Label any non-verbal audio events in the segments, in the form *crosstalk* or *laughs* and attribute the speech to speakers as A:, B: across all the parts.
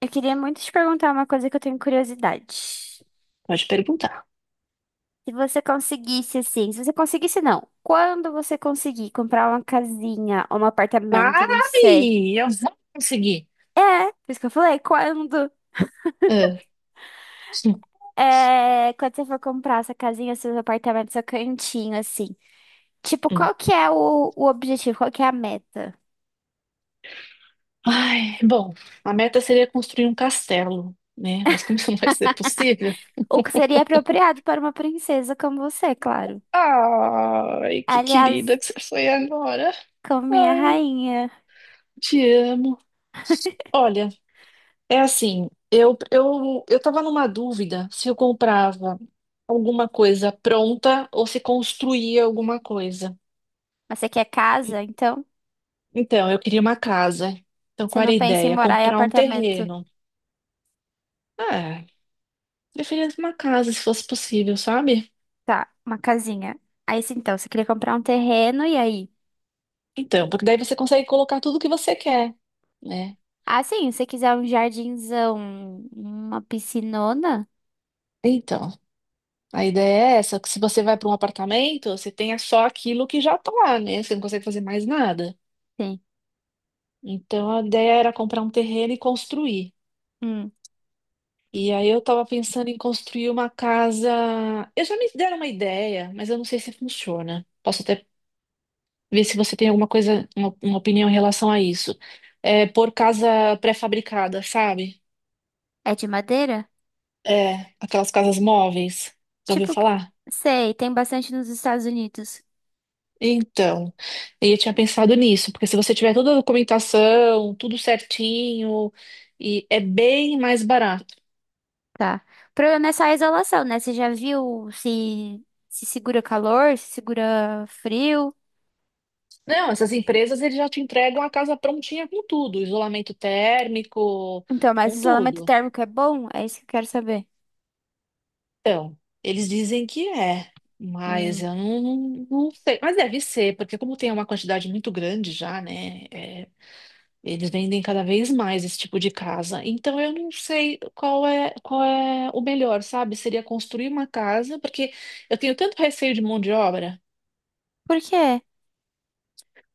A: Eu queria muito te perguntar uma coisa que eu tenho curiosidade.
B: Pode perguntar.
A: Se você conseguisse, assim, se você conseguisse, não. Quando você conseguir comprar uma casinha ou um apartamento, não sei.
B: Ai, eu vou conseguir.
A: É, por isso que eu falei, quando?
B: Ah, hum,
A: É, quando você for comprar essa casinha, seus apartamentos, seu cantinho, assim. Tipo,
B: hum.
A: qual que é o objetivo? Qual que é a meta?
B: Ai, bom, a meta seria construir um castelo, né? Mas como isso não vai ser possível?
A: O que seria apropriado para uma princesa como você, claro.
B: Ai, que querida
A: Aliás,
B: que você foi agora.
A: como minha
B: Ai,
A: rainha.
B: te amo. Olha, é assim, eu tava numa dúvida se eu comprava alguma coisa pronta ou se construía alguma coisa.
A: Mas você quer casa, então?
B: Então, eu queria uma casa. Então,
A: Você
B: qual era
A: não
B: a
A: pensa em
B: ideia?
A: morar em
B: Comprar um
A: apartamento.
B: terreno. Ah, preferia uma casa, se fosse possível, sabe?
A: Tá, uma casinha. Aí, sim, então, você queria comprar um terreno e aí?
B: Então, porque daí você consegue colocar tudo que você quer, né?
A: Ah, sim, se você quiser um jardinzão, uma piscinona?
B: Então, a ideia é essa, que se você vai para um apartamento, você tenha só aquilo que já está lá, né? Você não consegue fazer mais nada.
A: Sim.
B: Então, a ideia era comprar um terreno e construir.
A: Hum,
B: E aí eu estava pensando em construir uma casa. Eu já me deram uma ideia, mas eu não sei se funciona. Posso até ver se você tem alguma coisa, uma opinião em relação a isso. É por casa pré-fabricada, sabe?
A: é de madeira?
B: É, aquelas casas móveis. Já ouviu
A: Tipo, que-
B: falar?
A: sei, tem bastante nos Estados Unidos.
B: Então, eu tinha pensado nisso, porque se você tiver toda a documentação, tudo certinho, e é bem mais barato.
A: Tá. O problema é só a isolação, né? Você já viu se segura calor, se segura frio?
B: Não, essas empresas eles já te entregam a casa prontinha com tudo, isolamento térmico,
A: Então, mas
B: com
A: isolamento
B: tudo.
A: térmico é bom? É isso que eu quero saber.
B: Então, eles dizem que é, mas
A: Hum.
B: eu não sei. Mas deve ser, porque como tem uma quantidade muito grande já, né? Eles vendem cada vez mais esse tipo de casa. Então eu não sei qual é o melhor, sabe? Seria construir uma casa, porque eu tenho tanto receio de mão de obra.
A: Por quê?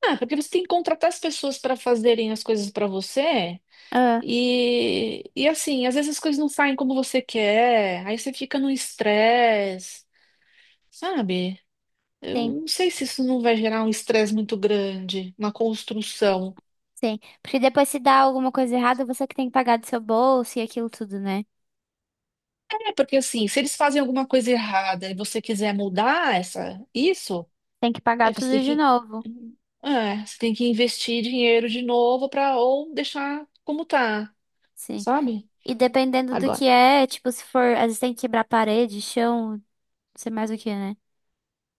B: Ah, porque você tem que contratar as pessoas para fazerem as coisas para você.
A: Ah,
B: E assim, às vezes as coisas não saem como você quer, aí você fica no estresse, sabe? Eu não sei se isso não vai gerar um estresse muito grande, uma construção.
A: sim, porque depois se dá alguma coisa errada, você que tem que pagar do seu bolso e aquilo tudo, né?
B: É, porque assim, se eles fazem alguma coisa errada e você quiser mudar essa, isso,
A: Tem que pagar
B: aí você
A: tudo
B: tem
A: de
B: que,
A: novo.
B: é, você tem que investir dinheiro de novo para ou deixar como tá,
A: Sim.
B: sabe?
A: E dependendo do
B: Agora.
A: que é, tipo, se for, às vezes tem que quebrar parede, chão, não sei mais o que, né?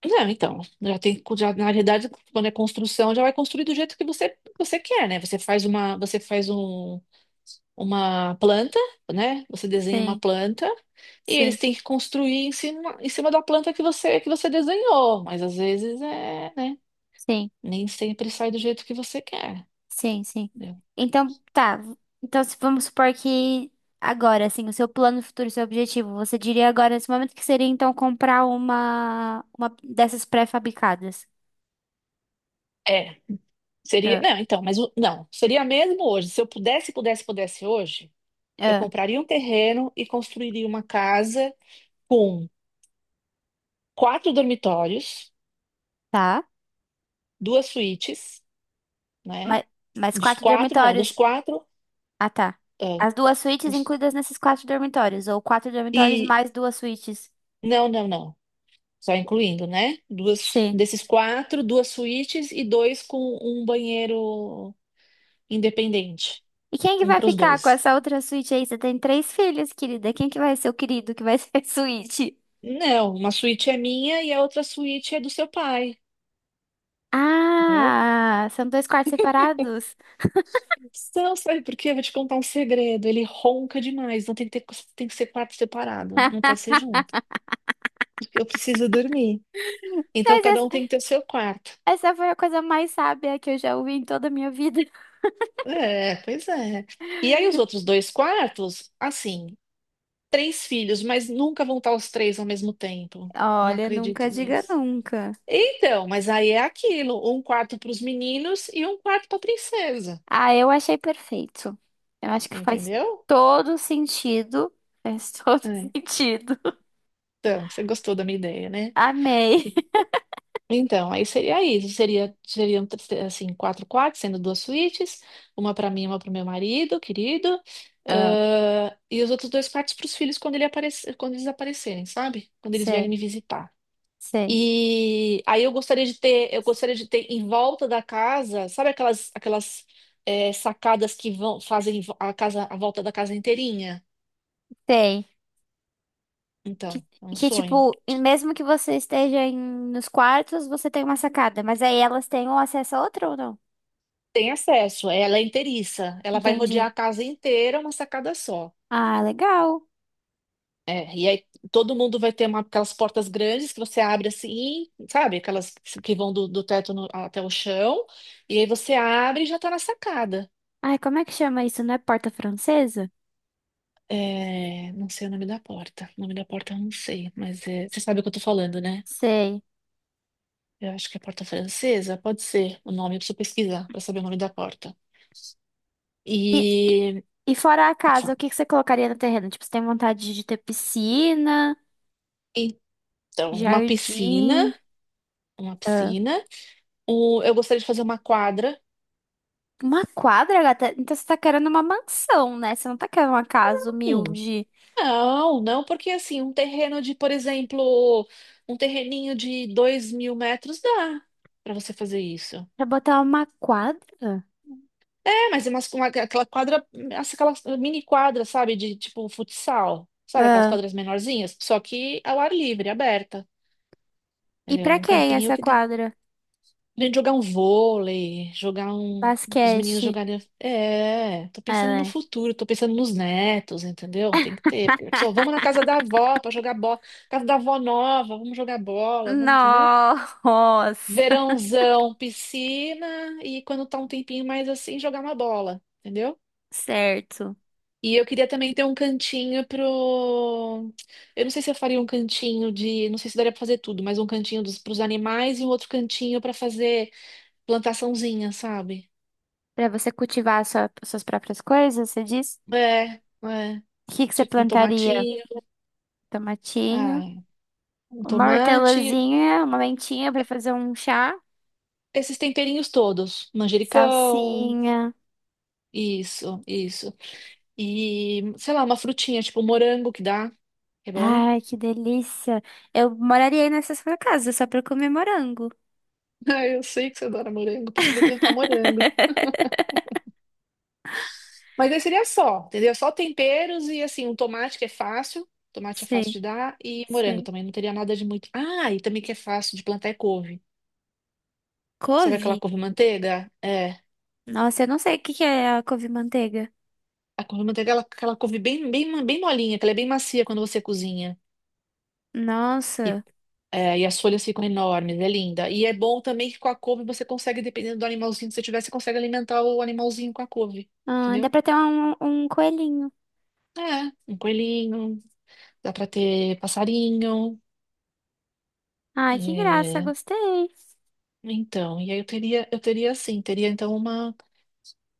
B: Não, então, já tem, já, na verdade, quando é construção, já vai construir do jeito que você quer, né? Você faz uma planta, né? Você desenha uma
A: Sim,
B: planta e eles
A: sim,
B: têm que construir em cima da planta que você desenhou, mas às vezes é, né?
A: sim,
B: Nem sempre sai do jeito que você quer.
A: sim, sim.
B: Né?
A: Então, tá. v- Então, se vamos supor que agora, assim, o seu plano futuro, o seu objetivo, você diria agora nesse momento que seria então comprar uma dessas pré-fabricadas.
B: É, seria.
A: Ah,
B: Não, então, mas não, seria mesmo hoje. Se eu pudesse hoje, eu
A: ah,
B: compraria um terreno e construiria uma casa com quatro dormitórios,
A: tá.
B: duas suítes, né?
A: Mas, mas
B: Dos
A: quatro
B: quatro, não, dos
A: dormitórios.
B: quatro.
A: Ah, tá.
B: ah,
A: As duas suítes
B: dos-
A: incluídas nesses quatro dormitórios, ou quatro dormitórios
B: e.
A: mais duas suítes.
B: Não, não, não. Só incluindo, né? Duas,
A: Sim.
B: desses quatro, duas suítes e dois com um banheiro independente.
A: E quem que
B: Um
A: vai
B: para os
A: ficar com
B: dois.
A: essa outra suíte aí? Você tem três filhos, querida. Quem que vai ser o querido que vai *laughs* ser a suíte?
B: Não, uma suíte é minha e a outra suíte é do seu pai. Entendeu?
A: Ah, são dois quartos separados.
B: Não, sabe por quê? Eu vou te contar um segredo. Ele ronca demais, então tem que ter, tem que ser quarto separado, não pode ser junto. Eu preciso dormir. Então
A: Mas
B: cada
A: essa,
B: um tem que ter o seu quarto.
A: essa foi a coisa mais sábia que eu já ouvi em toda a minha vida. *laughs*
B: É, pois é. E aí os outros dois quartos, assim, três filhos, mas nunca vão estar os três ao mesmo tempo. Não
A: Olha,
B: acredito
A: nunca diga
B: nisso.
A: nunca.
B: Então, mas aí é aquilo, um quarto para os meninos e um quarto para a princesa,
A: Ah, eu achei perfeito. Eu acho que faz
B: entendeu?
A: todo sentido. Faz todo
B: É.
A: *laughs* sentido.
B: Então, você gostou da minha ideia, né?
A: Amei.
B: Então, aí seria isso. Seria, seriam, assim, quatro quartos, sendo duas suítes. Uma para mim, e uma para o meu marido, querido.
A: Ah,
B: Ah, e os outros dois quartos para os filhos quando, ele aparecer, quando eles aparecerem, sabe? Quando eles vierem
A: sei.
B: me visitar.
A: Sei.
B: E aí eu gostaria de ter em volta da casa, sabe aquelas sacadas que vão, fazem a casa, a volta da casa inteirinha?
A: Sei.
B: Então, é um
A: Que,
B: sonho.
A: tipo, e mesmo que você esteja em, nos quartos, você tem uma sacada. Mas aí elas têm um acesso a outra ou não?
B: Tem acesso, é, ela é inteiriça, ela vai rodear
A: Entendi.
B: a casa inteira, uma sacada só.
A: Ah, legal.
B: É, e aí todo mundo vai ter uma, aquelas portas grandes que você abre assim, sabe? Aquelas que vão do teto até o chão, e aí você abre e já tá na sacada.
A: Ai, como é que chama isso? Não é porta francesa?
B: É, não sei o nome da porta. O nome da porta eu não sei, mas é, você sabe o que eu tô falando, né?
A: Sei.
B: Eu acho que é porta francesa, pode ser o nome, eu preciso pesquisar pra saber o nome da porta.
A: E,
B: E,
A: e fora a casa,
B: tá.
A: o que que você colocaria no terreno? Tipo, você tem vontade de ter piscina,
B: Então, uma piscina,
A: jardim,
B: uma
A: ah,
B: piscina. Um, eu gostaria de fazer uma quadra.
A: uma quadra, gata? Então você tá querendo uma mansão, né? Você não tá querendo uma casa
B: Hum,
A: humilde.
B: não, não, porque assim, um terreno de, por exemplo, um terreninho de 2.000 metros dá pra você fazer isso.
A: Pra botar uma quadra?
B: É, mas é uma, aquela quadra, aquela mini quadra, sabe, de tipo futsal, sabe, aquelas
A: Ah.
B: quadras menorzinhas, só que ao ar livre, aberta,
A: E
B: entendeu?
A: pra
B: Um
A: quem
B: campinho
A: essa
B: que dá.
A: quadra?
B: A gente jogar um vôlei, jogar um. Os meninos
A: Basquete.
B: jogarem. É, tô
A: É,
B: pensando no
A: né?
B: futuro, tô pensando nos netos, entendeu? Tem que ter. Porque a pessoa, vamos na casa da avó pra jogar bola. Casa da avó nova, vamos jogar bola, vamos, entendeu?
A: Nossa, *laughs*
B: Verãozão, piscina e quando tá um tempinho mais assim, jogar uma bola, entendeu?
A: certo.
B: E eu queria também ter um cantinho pro. Eu não sei se eu faria um cantinho de. Não sei se daria pra fazer tudo, mas um cantinho dos pros animais e um outro cantinho pra fazer plantaçãozinha, sabe?
A: Pra você cultivar a suas próprias coisas, você diz?
B: É, é.
A: O que que você
B: Tipo um
A: plantaria?
B: tomatinho.
A: Tomatinho,
B: Ah, um
A: uma
B: tomate.
A: hortelazinha, uma lentinha pra fazer um chá,
B: Esses temperinhos todos. Manjericão.
A: salsinha.
B: Isso, isso. E, sei lá, uma frutinha, tipo um morango que dá. Que é bom? *laughs*
A: Ai, que delícia. Eu moraria aí nessa sua casa só pra comer morango.
B: Ah, eu sei que você adora morango, por isso que eu vou plantar morango.
A: *laughs*
B: Mas aí seria só, entendeu? Só temperos e assim, um tomate que é fácil. Tomate é fácil
A: Sei,
B: de dar. E morango
A: sei.
B: também, não teria nada de muito. Ah, e também que é fácil de plantar é couve. Sabe aquela
A: Couve?
B: couve-manteiga? É.
A: Nossa, eu não sei o que que é a couve-manteiga.
B: A couve de manteiga, ela, aquela couve bem, bem, bem molinha, que ela é bem macia quando você cozinha. E,
A: Nossa.
B: e as folhas ficam enormes, é linda. E é bom também que com a couve você consegue, dependendo do animalzinho que você tiver, você consegue alimentar o animalzinho com a couve,
A: Ah, dá
B: entendeu?
A: pra ter um coelhinho.
B: É, um coelhinho, dá pra ter passarinho.
A: Ai, que graça,
B: É,
A: gostei.
B: então, e aí eu teria assim, teria então uma,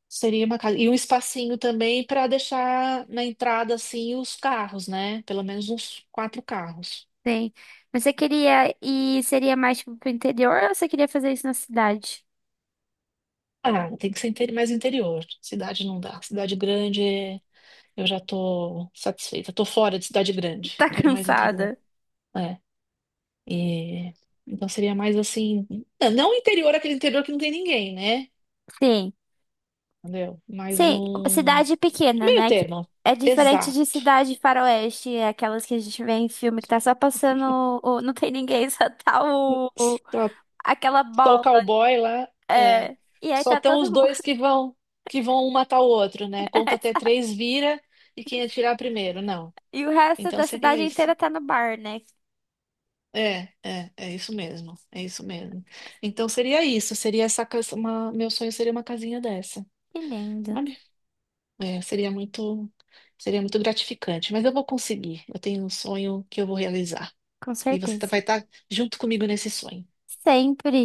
B: seria uma casa. E um espacinho também para deixar na entrada, assim, os carros, né? Pelo menos uns quatro carros.
A: Sim. Mas você queria ir, seria mais tipo pro interior ou você queria fazer isso na cidade?
B: Ah, tem que ser interi- mais interior. Cidade não dá. Cidade grande, é, eu já tô satisfeita. Tô fora de cidade
A: *laughs*
B: grande.
A: Tá
B: Quero mais interior.
A: cansada?
B: É. E então seria mais assim, não não interior, aquele interior que não tem ninguém, né?
A: Sim.
B: Entendeu? Mais
A: Sim,
B: um
A: cidade pequena,
B: meio
A: né? Que
B: termo.
A: é diferente de
B: Exato.
A: cidade faroeste, é aquelas que a gente vê em filme que tá só passando, não tem ninguém, *laughs* só tá
B: Só,
A: aquela
B: só o
A: bola.
B: cowboy lá, é.
A: É. E aí
B: Só
A: tá
B: estão os
A: todo mundo.
B: dois que vão um matar o outro, né? Conta até
A: *laughs*
B: três, vira e quem atirar primeiro. Não.
A: E o resto
B: Então
A: da
B: seria
A: cidade inteira
B: isso.
A: tá no bar, né?
B: É, é, é isso mesmo, é isso mesmo. Então seria isso, seria essa casa, meu sonho seria uma casinha dessa,
A: Que lindo.
B: sabe? É, seria muito gratificante, mas eu vou conseguir. Eu tenho um sonho que eu vou realizar
A: Com
B: e você
A: certeza.
B: vai estar junto comigo nesse sonho.
A: Sempre.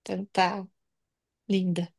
B: Então tá, linda.